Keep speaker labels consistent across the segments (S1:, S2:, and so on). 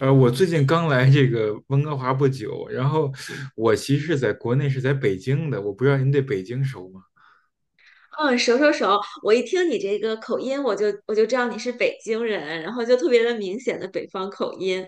S1: 我最近刚来这个温哥华不久，然后我其实是在国内是在北京的，我不知道您对北京熟吗？
S2: 嗯，熟熟熟！我一听你这个口音，我就知道你是北京人，然后就特别的明显的北方口音，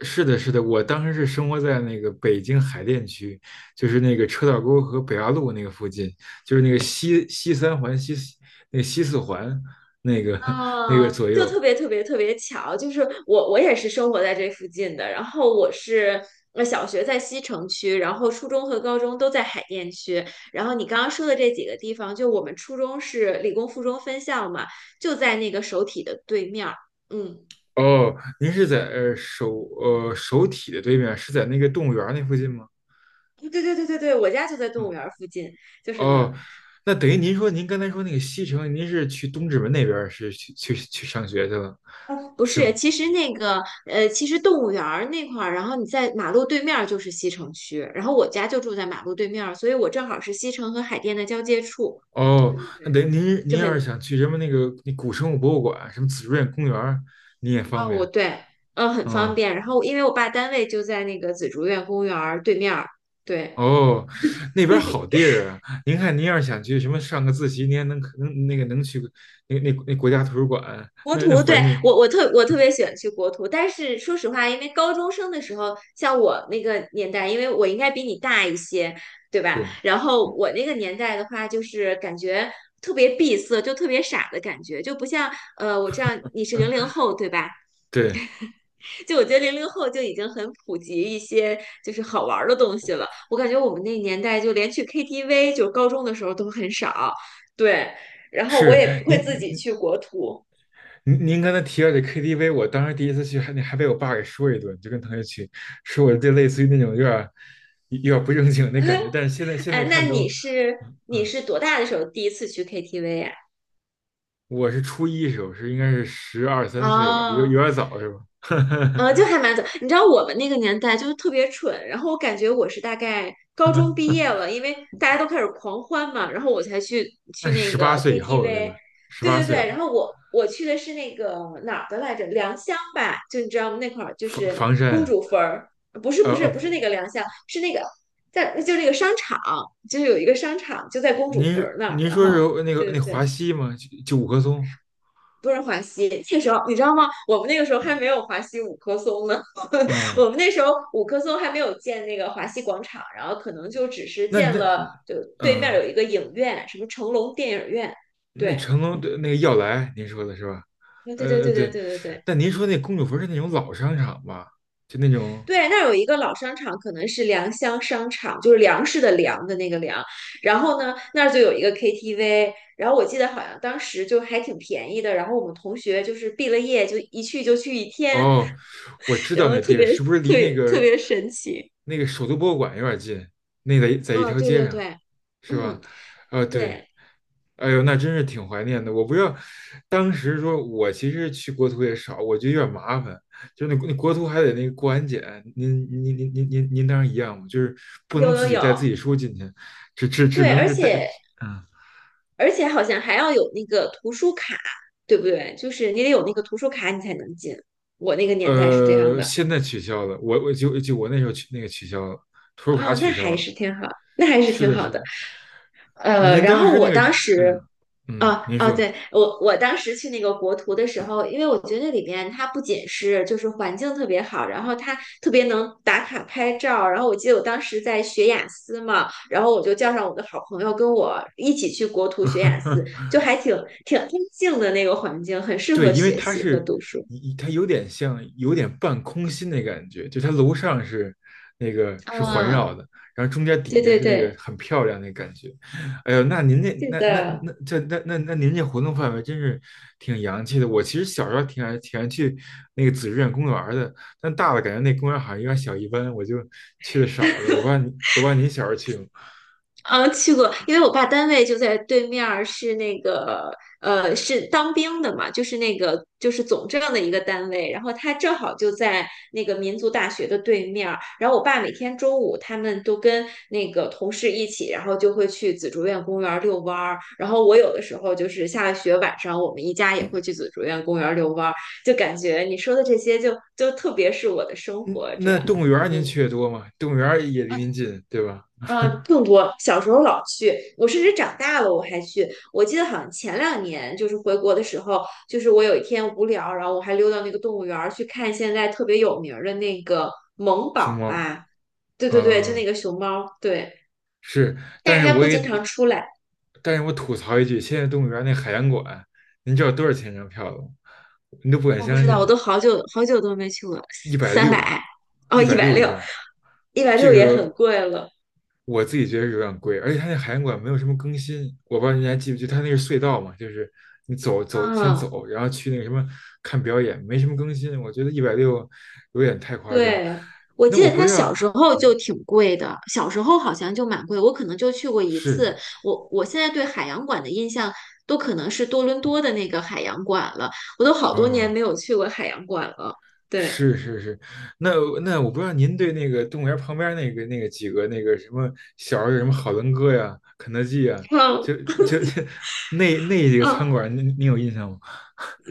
S1: 是的，是的，我当时是生活在那个北京海淀区，就是那个车道沟和北八路那个附近，就是那个西三环西四环那个 那个
S2: 啊，
S1: 左
S2: 就
S1: 右。
S2: 特别特别特别巧，就是我也是生活在这附近的，然后我是小学在西城区，然后初中和高中都在海淀区，然后你刚刚说的这几个地方，就我们初中是理工附中分校嘛，就在那个首体的对面儿，嗯，
S1: 哦，您是在首体的对面，是在那个动物园那附近吗？
S2: 对对对对对，我家就在动
S1: 嗯
S2: 物园儿附近，就是那儿。
S1: 哦，那等于您说您刚才说那个西城，您是去东直门那边儿是去上学去了，
S2: 不
S1: 是
S2: 是，
S1: 吗？
S2: 其实动物园儿那块儿，然后你在马路对面儿就是西城区，然后我家就住在马路对面儿，所以我正好是西城和海淀的交界处，
S1: 哦，
S2: 对，
S1: 那等于您
S2: 就
S1: 要是
S2: 很，
S1: 想去什么那个那古生物博物馆、什么紫竹院公园儿，您也方
S2: 哦，我
S1: 便。
S2: 对，很方
S1: 嗯，
S2: 便。然后因为我爸单位就在那个紫竹院公园儿对面儿，对。
S1: 哦，那边儿好地儿啊！您看，您要是想去什么上个自习，您还能去那那那国家图书馆，
S2: 国
S1: 那那
S2: 图，对，
S1: 环境
S2: 我特别喜欢去国图，但是说实话，因为高中生的时候，像我那个年代，因为我应该比你大一些，对吧？
S1: 对
S2: 然后我那个年代的话，就是感觉特别闭塞，就特别傻的感觉，就不像我知道你是零零后，对吧？
S1: 对，
S2: 就我觉得00后就已经很普及一些就是好玩儿的东西了，我感觉我们那年代就连去 KTV，就高中的时候都很少，对，然后我
S1: 是
S2: 也不会自己
S1: 您。
S2: 去国图。
S1: 您刚才提到这 KTV，我当时第一次去还被我爸给说一顿，就跟同学去，说我这类似于那种有点儿不正经那感觉。但是现在
S2: 哎，那
S1: 看
S2: 你
S1: 都，
S2: 是
S1: 嗯
S2: 你是多大的时候第一次去 KTV 呀？
S1: 我是初一时候是应该是十二三岁吧，有
S2: 哦，
S1: 有点早是吧？
S2: 就 还蛮早。你知道我们那个年代就是特别蠢，然后我感觉我是大概高中毕业了，因为大家都开始狂欢嘛，然后我才去
S1: 那
S2: 去
S1: 是
S2: 那
S1: 十八
S2: 个
S1: 岁以后了对
S2: KTV。
S1: 吧？十
S2: 对
S1: 八
S2: 对
S1: 岁
S2: 对，
S1: 了，
S2: 然后我去的是那个哪儿的来着？良乡吧，就你知道吗？那块儿就
S1: 房
S2: 是
S1: 房山
S2: 公
S1: 啊，
S2: 主坟儿，不是不是不是
S1: 不，
S2: 那个良乡，是那个在就那个商场，就是有一个商场就在公主
S1: 您
S2: 坟儿
S1: 是
S2: 那儿。
S1: 您
S2: 然
S1: 说
S2: 后
S1: 是那个
S2: 对
S1: 那
S2: 对
S1: 华
S2: 对，
S1: 西吗？就五棵松，
S2: 不是华西，那个时候你知道吗？我们那个时候还没有华西五棵松呢，
S1: 嗯，
S2: 我们那时候五棵松还没有建那个华西广场，然后可能就只是
S1: 那
S2: 建
S1: 那
S2: 了，就对面有
S1: 嗯。
S2: 一个影院，什么成龙电影院，
S1: 那
S2: 对。
S1: 成龙的那个耀莱，您说的是吧？
S2: 对对对对对
S1: 对，
S2: 对对对
S1: 但您说那公主坟是那种老商场吧？就那种
S2: 对，那儿有一个老商场，可能是良乡商场，就是粮食的粮的那个粮。然后呢，那儿就有一个 KTV，然后我记得好像当时就还挺便宜的。然后我们同学就是毕了业就一去就去一天，
S1: 哦，我知道
S2: 然后
S1: 那
S2: 特
S1: 地儿
S2: 别
S1: 是不是
S2: 特
S1: 离那
S2: 别特
S1: 个
S2: 别神奇。
S1: 那个首都博物馆有点近？那在一
S2: 哦，
S1: 条
S2: 对
S1: 街
S2: 对
S1: 上，
S2: 对，
S1: 是吧？
S2: 嗯，
S1: 啊，对，
S2: 对，
S1: 哎呦，那真是挺怀念的。我不知道，当时说我其实去国图也少，我觉得有点麻烦，就是那国图还得那个过安检。您当时一样吗？就是不能
S2: 有有
S1: 自己带
S2: 有，
S1: 自己书进去，只只只
S2: 对，
S1: 能
S2: 而
S1: 是带，
S2: 且
S1: 嗯
S2: 而且好像还要有那个图书卡，对不对？就是你得有那个图书卡，你才能进。我那个年代是这样的。
S1: 现在取消了。我就我那时候取那个取消了，图书卡
S2: 哦，那
S1: 取消
S2: 还
S1: 了。
S2: 是挺好，那还是
S1: 是
S2: 挺
S1: 的，
S2: 好
S1: 是
S2: 的。
S1: 的。您
S2: 然
S1: 当
S2: 后
S1: 时那
S2: 我
S1: 个，
S2: 当时
S1: 嗯嗯，
S2: 哦
S1: 您
S2: 哦，
S1: 说。
S2: 对，我当时去那个国图的时候，因为我觉得那里面它不仅是就是环境特别好，然后它特别能打卡拍照，然后我记得我当时在学雅思嘛，然后我就叫上我的好朋友跟我一起去国图学雅思，就还挺安静的那个环境，很适
S1: 对，
S2: 合
S1: 因为
S2: 学
S1: 它
S2: 习和
S1: 是，
S2: 读书。
S1: 它有点像，有点半空心的感觉，就它楼上是环
S2: 啊，
S1: 绕的，然后中间
S2: 对
S1: 底下
S2: 对
S1: 是那个
S2: 对，
S1: 很漂亮那感觉。哎呦，那您
S2: 是
S1: 那
S2: 的。
S1: 这那那那您这活动范围真是挺洋气的。我其实小时候挺爱去那个紫竹院公园儿的，但大了感觉那公园好像有点小一般，我就去的少了。我不知道您小时候去吗？
S2: 嗯，去过，因为我爸单位就在对面儿，是那个是当兵的嘛，就是总政的一个单位，然后他正好就在那个民族大学的对面儿，然后我爸每天中午他们都跟那个同事一起，然后就会去紫竹院公园儿遛弯儿，然后我有的时候就是下了学晚上，我们一家也会去紫竹院公园儿遛弯儿，就感觉你说的这些就特别是我的生
S1: 嗯，
S2: 活这
S1: 那
S2: 样，
S1: 动物园儿您
S2: 嗯。
S1: 去的多吗？动物园儿也离您近，对吧？
S2: 嗯，更多。小时候老去，我甚至长大了我还去。我记得好像前两年就是回国的时候，就是我有一天无聊，然后我还溜到那个动物园儿去看现在特别有名儿的那个萌
S1: 熊
S2: 宝
S1: 猫，
S2: 吧，对对对，就那
S1: 嗯、
S2: 个熊猫，对，
S1: 是，
S2: 但
S1: 但
S2: 是
S1: 是
S2: 它
S1: 我
S2: 不
S1: 也，
S2: 经常出来，
S1: 但是我吐槽一句，现在动物园那海洋馆，您知道多少钱一张票吗？你都不敢
S2: 我不
S1: 相
S2: 知道，我
S1: 信，
S2: 都好久好久都没去过，
S1: 一百
S2: 三
S1: 六，
S2: 百，哦，
S1: 一
S2: 一
S1: 百
S2: 百
S1: 六一
S2: 六，
S1: 张，
S2: 一百
S1: 这
S2: 六也
S1: 个
S2: 很贵了，
S1: 我自己觉得是有点贵，而且它那海洋馆没有什么更新，我不知道你还记不记得，它那个隧道嘛，就是你走走先
S2: 嗯。
S1: 走，然后去那个什么看表演，没什么更新，我觉得一百六有点太夸张。
S2: 对，我
S1: 那
S2: 记
S1: 我
S2: 得
S1: 不
S2: 它小
S1: 让，
S2: 时候就挺贵的，小时候好像就蛮贵，我可能就去过一次。
S1: 是，
S2: 我现在对海洋馆的印象都可能是多伦多的那个海洋馆了，我都好多年
S1: 哦。
S2: 没有去过海洋馆了。对，
S1: 是是是，那那我不知道您对那个动物园旁边那个那个几个那个什么小时候有什么好伦哥呀、肯德基呀，
S2: 嗯
S1: 就就 那几个
S2: 嗯，哦
S1: 餐馆，您有印象吗？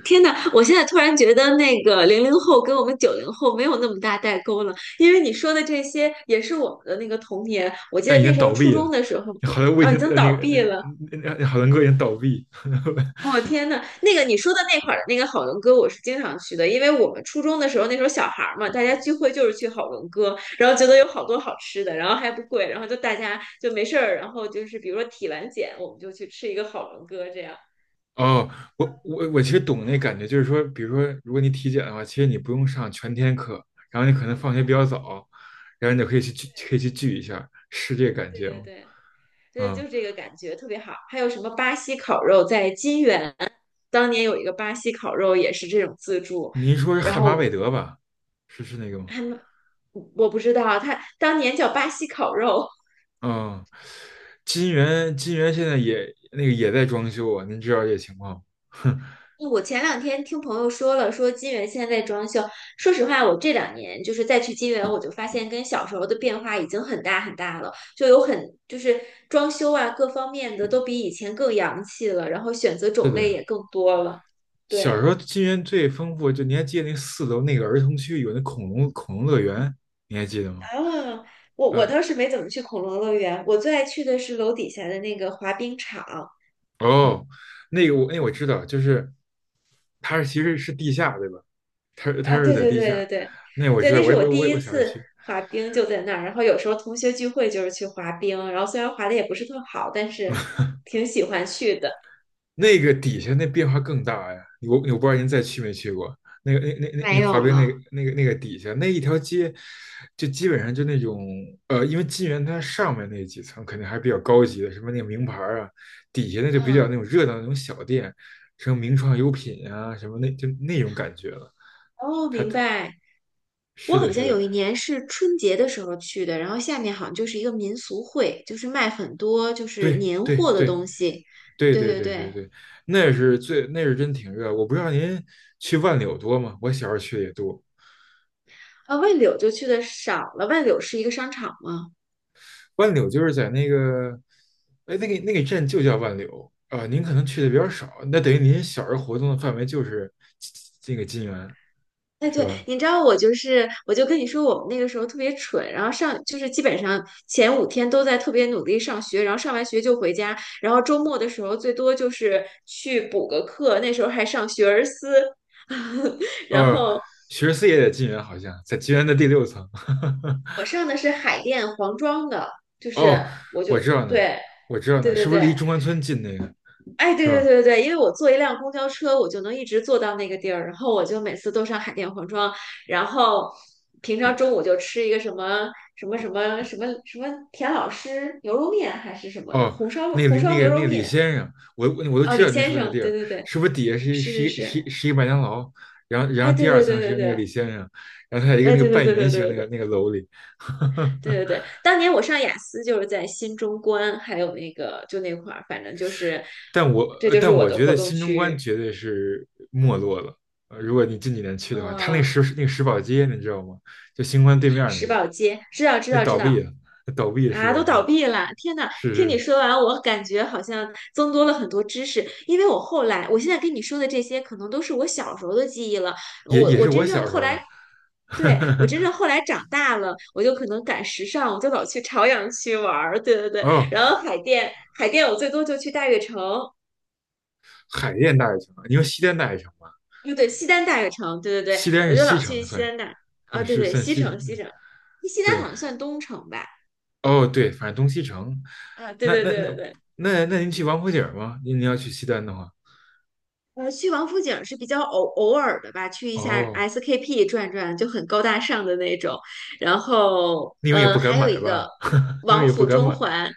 S2: 天呐，我现在突然觉得那个零零后跟我们90后没有那么大代沟了，因为你说的这些也是我们的那个童年。我记
S1: 但
S2: 得
S1: 已
S2: 那
S1: 经
S2: 时候
S1: 倒
S2: 初
S1: 闭
S2: 中
S1: 了，
S2: 的时候，
S1: 好像我已
S2: 啊，已
S1: 经
S2: 经倒闭了。
S1: 好伦哥已经倒闭。
S2: 哦天呐，那个你说的那块儿的那个好伦哥，我是经常去的，因为我们初中的时候，那时候小孩儿嘛，大家聚会就是去好伦哥，然后觉得有好多好吃的，然后还不贵，然后就大家就没事儿，然后就是比如说体完检，我们就去吃一个好伦哥，这样，
S1: 哦，我其实懂那感觉，就是说，比如说如果你体检的话，其实你不用上全天课，然后你可能放学比较早，然后你就可以去聚一下，是这个感
S2: 对
S1: 觉
S2: 对
S1: 吗？
S2: 对，对，
S1: 啊
S2: 就这个感觉特别好。还有什么巴西烤肉，在金源当年有一个巴西烤肉也是这种自助，
S1: 您说是
S2: 然
S1: 汉巴韦
S2: 后
S1: 德吧？是是那个吗？
S2: 他们我不知道啊，他当年叫巴西烤肉，
S1: 嗯，金源现在也那个也在装修啊，您知道这情况？哼，
S2: 我前两天听朋友说了，说金源现在在装修。说实话，我这两年就是再去金源，我就发现跟小时候的变化已经很大很大了，就有很就是装修啊各方面的都比以前更洋气了，然后选择
S1: 是
S2: 种类
S1: 的，
S2: 也更多了。
S1: 小时候
S2: 对
S1: 金源最丰富，就你还记得那4楼那个儿童区有那恐龙乐园，你还记得吗？
S2: 啊，我
S1: 嗯，
S2: 倒是没怎么去恐龙乐园，我最爱去的是楼底下的那个滑冰场，
S1: 哦，那个我知道，就是它是其实是地下对吧？它是它
S2: 啊，
S1: 是
S2: 对
S1: 在
S2: 对
S1: 地
S2: 对对
S1: 下，
S2: 对
S1: 那我
S2: 对，
S1: 知道，
S2: 那是我第
S1: 我
S2: 一
S1: 小时候
S2: 次
S1: 去，
S2: 滑冰，就在那儿。然后有时候同学聚会就是去滑冰，然后虽然滑的也不是特好，但是挺喜欢去的。
S1: 那个底下那变化更大呀！我不知道您再去没去过那个那那那那
S2: 没
S1: 滑
S2: 有
S1: 冰那个
S2: 了。
S1: 那个那个底下那一条街，就基本上就那种因为金源它上面那几层肯定还是比较高级的，什么那个名牌儿啊，底下那就比较
S2: 嗯，
S1: 那种热闹的那种小店，什么名创优品啊，什么那就那种感觉了。
S2: 哦，
S1: 它
S2: 明白。
S1: 是
S2: 我
S1: 的，
S2: 好
S1: 是
S2: 像有
S1: 的，
S2: 一年是春节的时候去的，然后下面好像就是一个民俗会，就是卖很多就是
S1: 对
S2: 年
S1: 对
S2: 货的
S1: 对
S2: 东西。
S1: 对
S2: 对
S1: 对
S2: 对
S1: 对对
S2: 对，
S1: 对，那是真挺热。我不知道您去万柳多吗？我小时候去的也多。
S2: 啊，万柳就去的少了。万柳是一个商场吗？
S1: 万柳就是在那个，哎，那个镇就叫万柳啊、您可能去的比较少，那等于您小时候活动的范围就是这个金源，
S2: 哎，
S1: 是
S2: 对，
S1: 吧？
S2: 你知道我就是，我就跟你说，我们那个时候特别蠢，然后上就是基本上前五天都在特别努力上学，然后上完学就回家，然后周末的时候最多就是去补个课，那时候还上学而思，然
S1: 呃，
S2: 后
S1: 学士也在金源，好像在金源的第6层。
S2: 我 上的是海淀黄庄的，就
S1: 哦，
S2: 是我就
S1: 我知道那儿
S2: 对
S1: 我知道那
S2: 对
S1: 儿
S2: 对
S1: 是不是离
S2: 对，
S1: 中关村近那个，
S2: 哎，对
S1: 是
S2: 对
S1: 吧？
S2: 对对对，因为我坐一辆公交车，我就能一直坐到那个地儿，然后我就每次都上海淀黄庄，然后平常中午就吃一个什么田老师牛肉面还是什么的，
S1: 哦，
S2: 红
S1: 那
S2: 烧
S1: 个
S2: 红
S1: 李那
S2: 烧
S1: 个
S2: 牛
S1: 那
S2: 肉
S1: 个李
S2: 面，
S1: 先生，我都
S2: 哦，
S1: 知
S2: 李
S1: 道您
S2: 先
S1: 说那
S2: 生，
S1: 地
S2: 对
S1: 儿，
S2: 对对，
S1: 是不是底下是一
S2: 是
S1: 是
S2: 是
S1: 一是一
S2: 是，
S1: 是一麦当劳，然后
S2: 哎，对
S1: 第二
S2: 对对
S1: 层
S2: 对
S1: 是那个
S2: 对，
S1: 李先生，然后他在一个
S2: 哎，
S1: 那个
S2: 对对
S1: 半
S2: 对
S1: 圆
S2: 对对
S1: 形
S2: 对
S1: 那个
S2: 对
S1: 那个楼里，
S2: 对对 对，当年我上雅思就是在新中关，还有那个就那块儿，反正就是这就是
S1: 但
S2: 我
S1: 我
S2: 的
S1: 觉
S2: 活
S1: 得
S2: 动
S1: 新中
S2: 区
S1: 关
S2: 域，
S1: 绝对是没落了，如果你近几年去的话，他那个
S2: 嗯，
S1: 石宝街你知道吗？就新关对面儿那
S2: 石
S1: 个，
S2: 宝街，知道知
S1: 那
S2: 道知
S1: 倒闭
S2: 道。
S1: 了，那倒闭的石
S2: 啊，
S1: 宝
S2: 都倒
S1: 街，
S2: 闭了！天呐，
S1: 是
S2: 听你
S1: 是
S2: 说完，我感觉好像增多了很多知识。因为我后来，我现在跟你说的这些，可能都是我小时候的记忆了。
S1: 也
S2: 我
S1: 也
S2: 我
S1: 是我
S2: 真正
S1: 小时
S2: 后
S1: 候的，
S2: 来，对，我真 正后来长大了，我就可能赶时尚，我就老去朝阳区玩儿。对对对，
S1: 哦，
S2: 然后海淀，海淀我最多就去大悦城，
S1: 海淀大学城，你说西单大学城吧？
S2: 不对，西单大悦城，对对对，
S1: 西单
S2: 我
S1: 是
S2: 就
S1: 西
S2: 老
S1: 城
S2: 去西
S1: 算，
S2: 单大，啊，
S1: 嗯，
S2: 对
S1: 是
S2: 对，
S1: 算
S2: 西
S1: 西
S2: 城西
S1: 城。
S2: 城，西单
S1: 对，
S2: 好像算东城吧？
S1: 哦，对，反正东西城。
S2: 啊，对
S1: 那
S2: 对
S1: 那
S2: 对
S1: 那
S2: 对对。
S1: 那那您去王府井儿吗？您要去西单的话，
S2: 去王府井是比较偶尔的吧，去一下
S1: 哦，
S2: SKP 转转就很高大上的那种。然后，
S1: 你们也不敢
S2: 还有
S1: 买
S2: 一
S1: 吧？
S2: 个
S1: 你们
S2: 王
S1: 也不
S2: 府
S1: 敢
S2: 中
S1: 买。
S2: 环，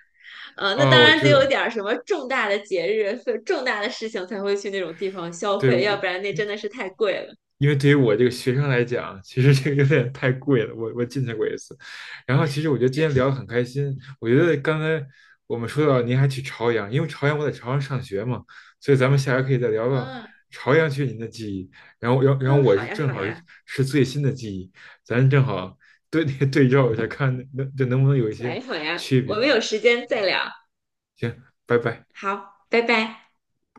S2: 那
S1: 哦，
S2: 当
S1: 我
S2: 然得
S1: 知
S2: 有一
S1: 道，
S2: 点儿什么重大的节日、重大的事情才会去那种地方消
S1: 对，
S2: 费，要不然那真的是太贵了。
S1: 因为对于我这个学生来讲，其实这个有点太贵了。我进去过一次，然后其实我觉得今
S2: 确
S1: 天聊得
S2: 实，
S1: 很开心。我觉得刚才我们说到您还去朝阳，因为朝阳我在朝阳上学嘛，所以咱们下回可以再聊聊
S2: 嗯
S1: 朝阳区您的记忆。然后
S2: 嗯，
S1: 我
S2: 好
S1: 是
S2: 呀
S1: 正
S2: 好
S1: 好是
S2: 呀，
S1: 是最新的记忆，咱正好对 对照一下，看能不能有一
S2: 好
S1: 些
S2: 呀好呀，
S1: 区
S2: 我
S1: 别。
S2: 们有时间再聊，
S1: 行，拜拜。
S2: 好，拜拜。